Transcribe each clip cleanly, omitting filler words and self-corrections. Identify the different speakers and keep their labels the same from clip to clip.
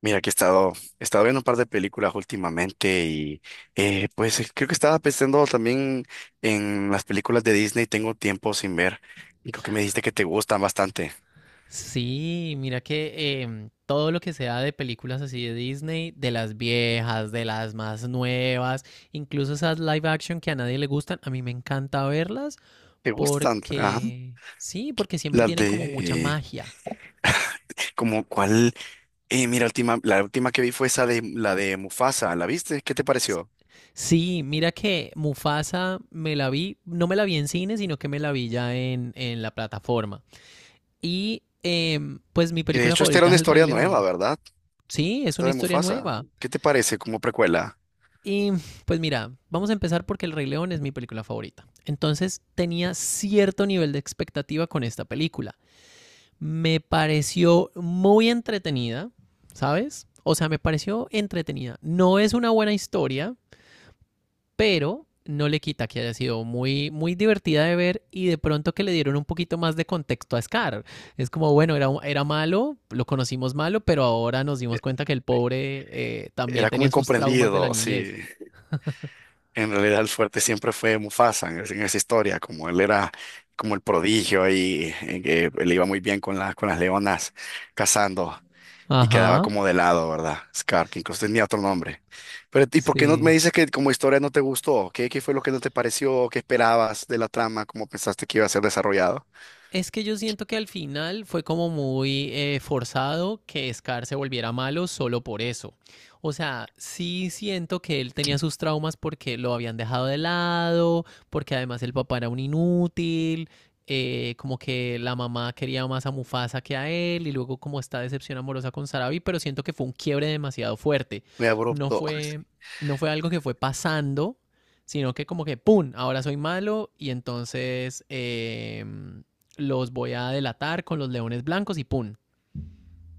Speaker 1: Mira que he estado viendo un par de películas últimamente y creo que estaba pensando también en las películas de Disney, tengo tiempo sin ver y creo que me dijiste que te gustan bastante.
Speaker 2: Sí, mira que todo lo que sea de películas así de Disney, de las viejas, de las más nuevas, incluso esas live action que a nadie le gustan, a mí me encanta verlas
Speaker 1: ¿Te gustan? Ajá.
Speaker 2: porque, sí, porque siempre
Speaker 1: Las
Speaker 2: tienen como mucha
Speaker 1: de,
Speaker 2: magia.
Speaker 1: como cuál, mira, la última que vi fue esa de la de Mufasa, ¿la viste? ¿Qué te pareció?
Speaker 2: Sí, mira que Mufasa me la vi, no me la vi en cine, sino que me la vi ya en la plataforma. Y pues mi
Speaker 1: Que de
Speaker 2: película
Speaker 1: hecho esta era
Speaker 2: favorita
Speaker 1: una
Speaker 2: es El Rey
Speaker 1: historia nueva,
Speaker 2: León.
Speaker 1: ¿verdad?
Speaker 2: Sí, es
Speaker 1: Esta
Speaker 2: una
Speaker 1: de
Speaker 2: historia
Speaker 1: Mufasa,
Speaker 2: nueva.
Speaker 1: ¿qué te parece como precuela?
Speaker 2: Y pues mira, vamos a empezar porque El Rey León es mi película favorita. Entonces tenía cierto nivel de expectativa con esta película. Me pareció muy entretenida, ¿sabes? O sea, me pareció entretenida. No es una buena historia, pero no le quita que haya sido muy, muy divertida de ver y de pronto que le dieron un poquito más de contexto a Scar. Es como, bueno, era malo, lo conocimos malo, pero ahora nos dimos cuenta que el pobre también
Speaker 1: Era como
Speaker 2: tenía sus traumas de la
Speaker 1: incomprendido, sí.
Speaker 2: niñez.
Speaker 1: En realidad el fuerte siempre fue Mufasa en esa historia, como él era como el prodigio y, que le iba muy bien con las leonas cazando. Y quedaba
Speaker 2: Ajá.
Speaker 1: como de lado, ¿verdad? Scar, que incluso tenía otro nombre. Pero, ¿y por qué no me
Speaker 2: Sí.
Speaker 1: dices que como historia no te gustó? ¿Qué, qué fue lo que no te pareció? ¿Qué esperabas de la trama? ¿Cómo pensaste que iba a ser desarrollado?
Speaker 2: Es que yo siento que al final fue como muy forzado que Scar se volviera malo solo por eso. O sea, sí siento que él tenía sus traumas porque lo habían dejado de lado, porque además el papá era un inútil, como que la mamá quería más a Mufasa que a él, y luego como esta decepción amorosa con Sarabi, pero siento que fue un quiebre demasiado fuerte.
Speaker 1: Muy
Speaker 2: No
Speaker 1: abrupto.
Speaker 2: fue, no fue algo que fue pasando, sino que como que, ¡pum!, ahora soy malo y entonces... los voy a delatar con los leones blancos y pum,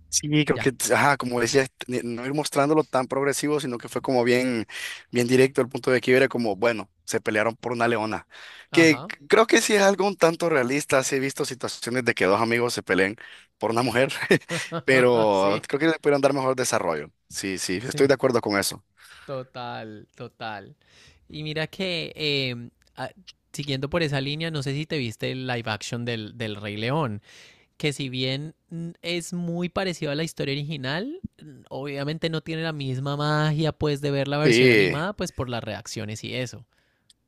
Speaker 1: Sí, creo
Speaker 2: ya.
Speaker 1: que, ajá, como decías, no ir mostrándolo tan progresivo, sino que fue como bien, bien directo el punto de que era como, bueno, se pelearon por una leona, que
Speaker 2: Ajá.
Speaker 1: creo que sí es algo un tanto realista, sí he visto situaciones de que dos amigos se peleen por una mujer, pero
Speaker 2: sí,
Speaker 1: creo que le pudieron dar mejor desarrollo, sí, sí, estoy
Speaker 2: sí,
Speaker 1: de acuerdo con eso.
Speaker 2: total, total. Y mira que a- siguiendo por esa línea, no sé si te viste el live action del Rey León, que si bien es muy parecido a la historia original, obviamente no tiene la misma magia pues de ver la versión
Speaker 1: Sí,
Speaker 2: animada pues por las reacciones y eso.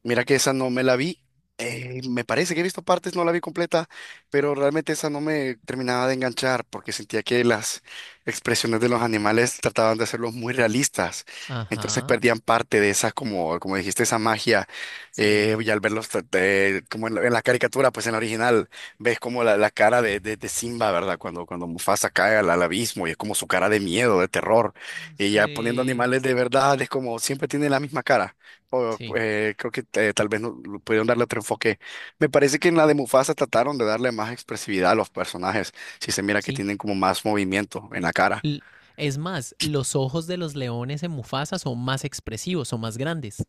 Speaker 1: mira que esa no me la vi. Me parece que he visto partes, no la vi completa, pero realmente esa no me terminaba de enganchar porque sentía que las expresiones de los animales trataban de hacerlos muy realistas. Entonces
Speaker 2: Ajá,
Speaker 1: perdían parte de esa, como, como dijiste, esa magia.
Speaker 2: sí,
Speaker 1: Y al verlos como en la caricatura, pues en la original, ves como la cara de Simba, ¿verdad? Cuando, cuando Mufasa cae al, al abismo y es como su cara de miedo, de terror. Y ya poniendo
Speaker 2: sí,
Speaker 1: animales de verdad, es como siempre tiene la misma cara o,
Speaker 2: sí,
Speaker 1: creo que tal vez no, lo pudieron darle otro enfoque. Me parece que en la de Mufasa trataron de darle más expresividad a los personajes. Si se mira que
Speaker 2: sí.
Speaker 1: tienen como más movimiento en la cara.
Speaker 2: L- Es más, los ojos de los leones en Mufasa son más expresivos, son más grandes.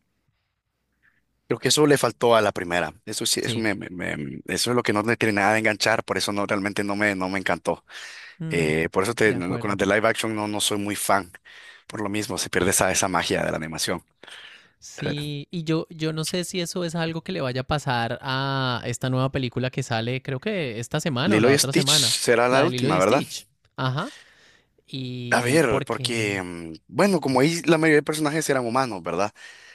Speaker 1: Creo que eso le faltó a la primera. Eso sí,
Speaker 2: Sí.
Speaker 1: eso es lo que no me tiene nada de enganchar. Por eso no, realmente no me, no me encantó.
Speaker 2: Mm,
Speaker 1: Por eso
Speaker 2: de
Speaker 1: no, con las
Speaker 2: acuerdo.
Speaker 1: de live action no, no soy muy fan. Por lo mismo, se pierde esa, esa magia de la animación. Eh,
Speaker 2: Sí, yo no sé si eso es algo que le vaya a pasar a esta nueva película que sale, creo que esta semana o
Speaker 1: Lilo
Speaker 2: la
Speaker 1: y
Speaker 2: otra
Speaker 1: Stitch
Speaker 2: semana,
Speaker 1: será
Speaker 2: la
Speaker 1: la
Speaker 2: de Lilo
Speaker 1: última,
Speaker 2: y
Speaker 1: ¿verdad?
Speaker 2: Stitch. Ajá.
Speaker 1: A
Speaker 2: Y
Speaker 1: ver, porque,
Speaker 2: porque...
Speaker 1: mm, bueno, como ahí la mayoría de personajes eran humanos, ¿verdad?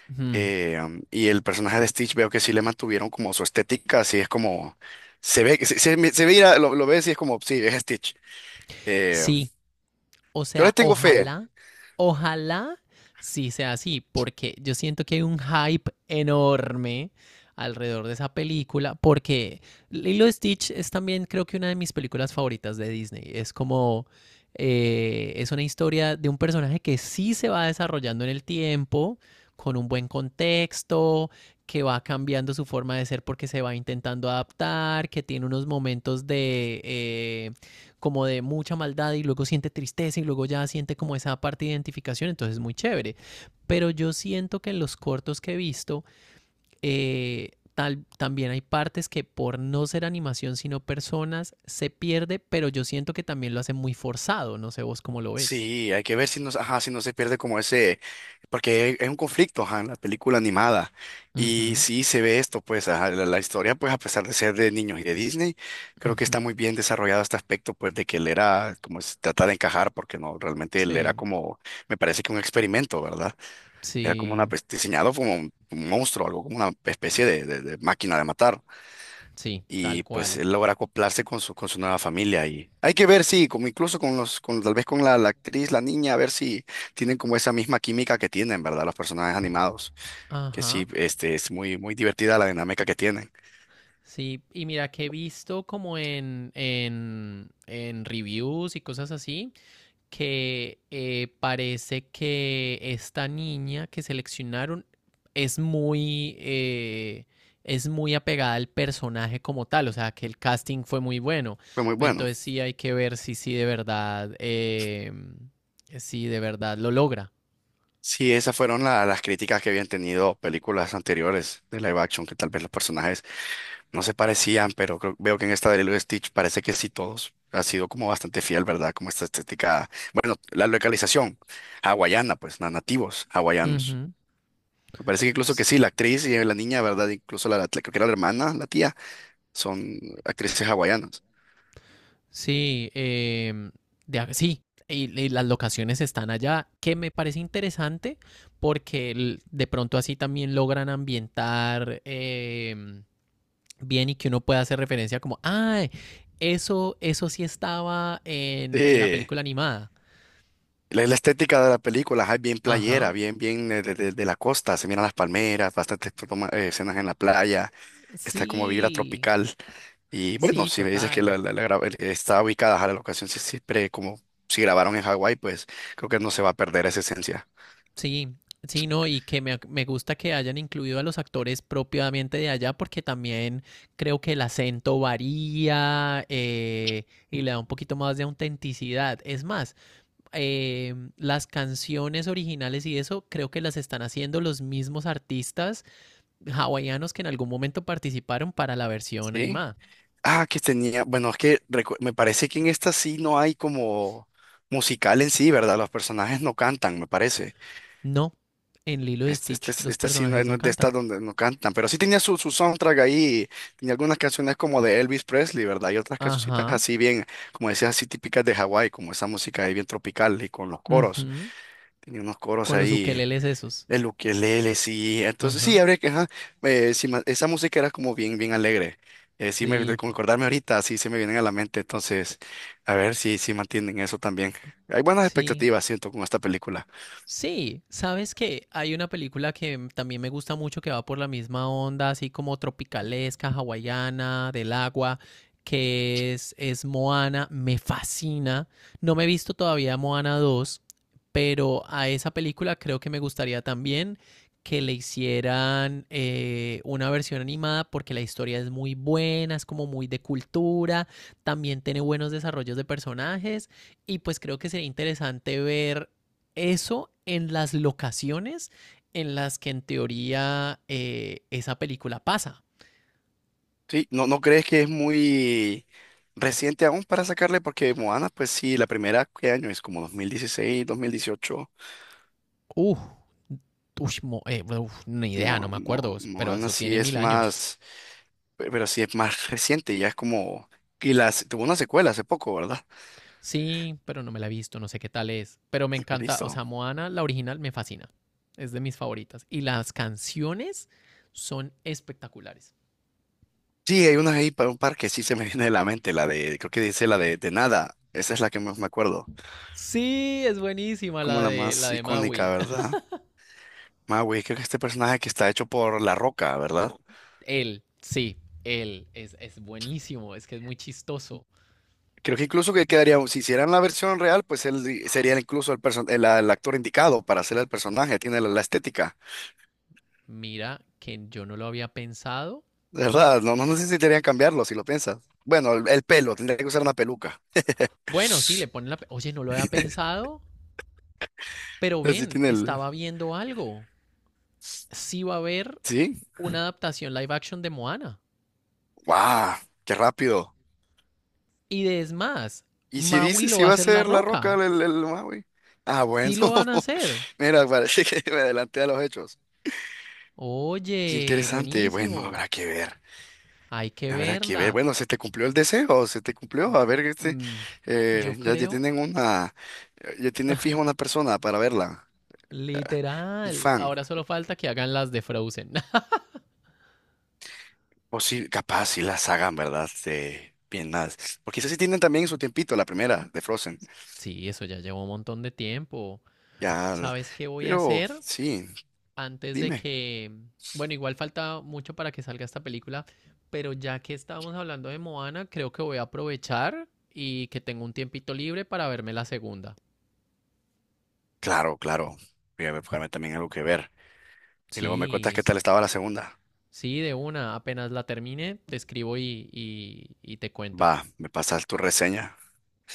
Speaker 2: Ujú.
Speaker 1: Y el personaje de Stitch veo que sí le mantuvieron como su estética, así es como se ve, se ve, lo ves y es como, sí, es Stitch. Eh,
Speaker 2: Sí, o
Speaker 1: yo le
Speaker 2: sea,
Speaker 1: tengo fe.
Speaker 2: ojalá sí sea así, porque yo siento que hay un hype enorme alrededor de esa película, porque Lilo y Stitch es también creo que una de mis películas favoritas de Disney. Es como, es una historia de un personaje que sí se va desarrollando en el tiempo, con un buen contexto, que va cambiando su forma de ser porque se va intentando adaptar, que tiene unos momentos de como de mucha maldad y luego siente tristeza y luego ya siente como esa parte de identificación, entonces es muy chévere. Pero yo siento que en los cortos que he visto, también hay partes que por no ser animación sino personas se pierde, pero yo siento que también lo hace muy forzado, no sé vos cómo lo ves.
Speaker 1: Sí, hay que ver si no, ajá, si no se pierde como ese, porque es un conflicto, ajá, en la película animada. Y
Speaker 2: Ujú,
Speaker 1: sí se ve esto, pues, ajá, la historia, pues, a pesar de ser de niños y de Disney, creo que
Speaker 2: ujú.
Speaker 1: está muy bien desarrollado este aspecto, pues, de que él era, como se trata de encajar, porque no, realmente él era
Speaker 2: Sí,
Speaker 1: como, me parece que un experimento, ¿verdad? Era como una,
Speaker 2: sí,
Speaker 1: pues, diseñado como un monstruo, algo como una especie de, de máquina de matar.
Speaker 2: sí, tal
Speaker 1: Y pues
Speaker 2: cual.
Speaker 1: él logra acoplarse con su nueva familia. Y hay que ver, si como incluso con los, con, tal vez con la, la actriz, la niña, a ver si tienen como esa misma química que tienen, ¿verdad? Los personajes animados. Que
Speaker 2: Ajá.
Speaker 1: sí, este, es muy, muy divertida la dinámica que tienen.
Speaker 2: Sí, y mira que he visto como en reviews y cosas así, que parece que esta niña que seleccionaron es es muy apegada al personaje como tal, o sea que el casting fue muy bueno.
Speaker 1: Fue muy bueno.
Speaker 2: Entonces sí hay que ver si sí de verdad, si de verdad lo logra.
Speaker 1: Sí, esas fueron las críticas que habían tenido películas anteriores de live action, que tal vez los personajes no se parecían, pero veo que en esta de Lilo y Stitch parece que sí todos ha sido como bastante fiel, ¿verdad? Como esta estética, bueno, la localización hawaiana, pues, nativos hawaianos.
Speaker 2: Ujú.
Speaker 1: Me parece que incluso que sí, la actriz y la niña, ¿verdad? Incluso la, creo que era la hermana, la tía, son actrices hawaianas.
Speaker 2: Sí, sí, y las locaciones están allá, que me parece interesante porque de pronto así también logran ambientar bien y que uno pueda hacer referencia como, ay, eso sí estaba en la
Speaker 1: Sí.
Speaker 2: película animada.
Speaker 1: La estética de la película es bien playera,
Speaker 2: Ajá.
Speaker 1: bien, bien de, de la costa, se miran las palmeras, bastantes escenas en la playa, está como vibra
Speaker 2: Sí,
Speaker 1: tropical. Y bueno,
Speaker 2: sí,
Speaker 1: si me dices que
Speaker 2: total.
Speaker 1: la, está ubicada a la locación, siempre como si grabaron en Hawái, pues creo que no se va a perder esa esencia.
Speaker 2: Sí, sí, no, y que me gusta que hayan incluido a los actores propiamente de allá porque también creo que el acento varía y le da un poquito más de autenticidad. Es más, las canciones originales y eso creo que las están haciendo los mismos artistas hawaianos que en algún momento participaron para la versión
Speaker 1: Sí.
Speaker 2: animada.
Speaker 1: Ah, que tenía, bueno, es que me parece que en esta sí no hay como musical en sí, ¿verdad? Los personajes no cantan, me parece.
Speaker 2: No, en Lilo y
Speaker 1: Este,
Speaker 2: Stitch los
Speaker 1: esta sí no, es
Speaker 2: personajes
Speaker 1: no
Speaker 2: no
Speaker 1: es de estas
Speaker 2: cantan.
Speaker 1: donde no cantan, pero sí tenía su, su soundtrack ahí, tenía algunas canciones como de Elvis Presley, ¿verdad? Y otras cancioncitas
Speaker 2: Ajá.
Speaker 1: así bien, como decías, así típicas de Hawái, como esa música ahí bien tropical y con los coros.
Speaker 2: Ujú.
Speaker 1: Tenía unos coros
Speaker 2: Con los
Speaker 1: ahí
Speaker 2: ukeleles esos.
Speaker 1: el ukelele, sí. Entonces, sí,
Speaker 2: Ajá.
Speaker 1: habría que, ajá, sí, esa música era como bien, bien alegre. Sí, me,
Speaker 2: Sí,
Speaker 1: con acordarme ahorita, sí, se me vienen a la mente. Entonces, a ver si, si mantienen eso también. Hay buenas
Speaker 2: sí.
Speaker 1: expectativas, siento, con esta película.
Speaker 2: Sí, sabes que hay una película que también me gusta mucho que va por la misma onda, así como tropicalesca, hawaiana, del agua, que es Moana, me fascina. No me he visto todavía Moana 2, pero a esa película creo que me gustaría también que le hicieran una versión animada porque la historia es muy buena, es como muy de cultura, también tiene buenos desarrollos de personajes y pues creo que sería interesante ver eso en las locaciones en las que en teoría esa película pasa.
Speaker 1: Sí, ¿no, no crees que es muy reciente aún para sacarle? Porque Moana, pues sí, la primera, ¿qué año es? Como 2016, 2018.
Speaker 2: Uf, uy, mo- uf, ni idea, no me acuerdo, pero
Speaker 1: Moana
Speaker 2: eso
Speaker 1: sí
Speaker 2: tiene mil
Speaker 1: es
Speaker 2: años.
Speaker 1: más, pero sí es más reciente, ya es como... Y las, tuvo una secuela hace poco, ¿verdad?
Speaker 2: Sí, pero no me la he visto, no sé qué tal es. Pero me encanta, o sea,
Speaker 1: Listo.
Speaker 2: Moana, la original, me fascina. Es de mis favoritas. Y las canciones son espectaculares.
Speaker 1: Sí, hay una ahí para un par que sí se me viene de la mente, la de, creo que dice la de nada. Esa es la que más me acuerdo.
Speaker 2: Sí, es buenísima
Speaker 1: Como la
Speaker 2: la
Speaker 1: más
Speaker 2: de
Speaker 1: icónica,
Speaker 2: Maui.
Speaker 1: ¿verdad? Maui, creo que este personaje que está hecho por La Roca, ¿verdad?
Speaker 2: Él, es buenísimo, es que es muy chistoso.
Speaker 1: Creo que incluso que quedaría, si hicieran la versión real, pues él sería incluso el, el actor indicado para hacer el personaje, tiene la, la estética,
Speaker 2: Mira que yo no lo había pensado.
Speaker 1: ¿verdad? No, no necesitarían cambiarlo si lo piensas. Bueno, el pelo, tendría que usar una peluca.
Speaker 2: Bueno, sí, le ponen la... Oye, no lo había pensado, pero
Speaker 1: Así
Speaker 2: ven,
Speaker 1: tiene el...
Speaker 2: estaba viendo algo. Sí va a haber
Speaker 1: ¿Sí?
Speaker 2: una adaptación live action de Moana.
Speaker 1: ¡Guau! ¡Qué rápido!
Speaker 2: Y de- es más,
Speaker 1: Y si
Speaker 2: Maui
Speaker 1: dices
Speaker 2: lo
Speaker 1: si
Speaker 2: va a
Speaker 1: va a
Speaker 2: hacer La
Speaker 1: ser La Roca
Speaker 2: Roca.
Speaker 1: el, Maui. Ah, bueno.
Speaker 2: Sí lo van a hacer.
Speaker 1: Mira, parece que me adelanté a los hechos. Qué
Speaker 2: Oye,
Speaker 1: interesante. Bueno,
Speaker 2: buenísimo.
Speaker 1: habrá que ver.
Speaker 2: Hay que
Speaker 1: Habrá que ver.
Speaker 2: verla.
Speaker 1: Bueno, se te cumplió el deseo, se te cumplió. A ver, este,
Speaker 2: Mm, yo
Speaker 1: ya, ya
Speaker 2: creo,
Speaker 1: tienen una, ya tienen fija una persona para verla. Ah, un
Speaker 2: literal.
Speaker 1: fan.
Speaker 2: Ahora solo falta que hagan las de Frozen.
Speaker 1: O sí, capaz si las hagan, ¿verdad? De bien más. O quizás sí tienen también su tiempito, la primera de Frozen.
Speaker 2: Sí, eso ya llevó un montón de tiempo.
Speaker 1: Ya,
Speaker 2: ¿Sabes qué voy a
Speaker 1: pero
Speaker 2: hacer
Speaker 1: sí,
Speaker 2: antes de
Speaker 1: dime.
Speaker 2: que, bueno, igual falta mucho para que salga esta película, pero ya que estábamos hablando de Moana, creo que voy a aprovechar y que tengo un tiempito libre para verme la segunda?
Speaker 1: Claro, claro. Voy a buscarme también algo que ver. Y luego me cuentas
Speaker 2: Sí,
Speaker 1: qué
Speaker 2: s-
Speaker 1: tal estaba la segunda.
Speaker 2: sí, de una. Apenas la termine, te escribo y te cuento.
Speaker 1: Va, me pasas tu reseña.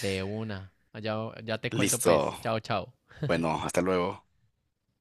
Speaker 2: De una. Ya, ya te cuento pues.
Speaker 1: Listo.
Speaker 2: Chao, chao.
Speaker 1: Bueno, hasta luego.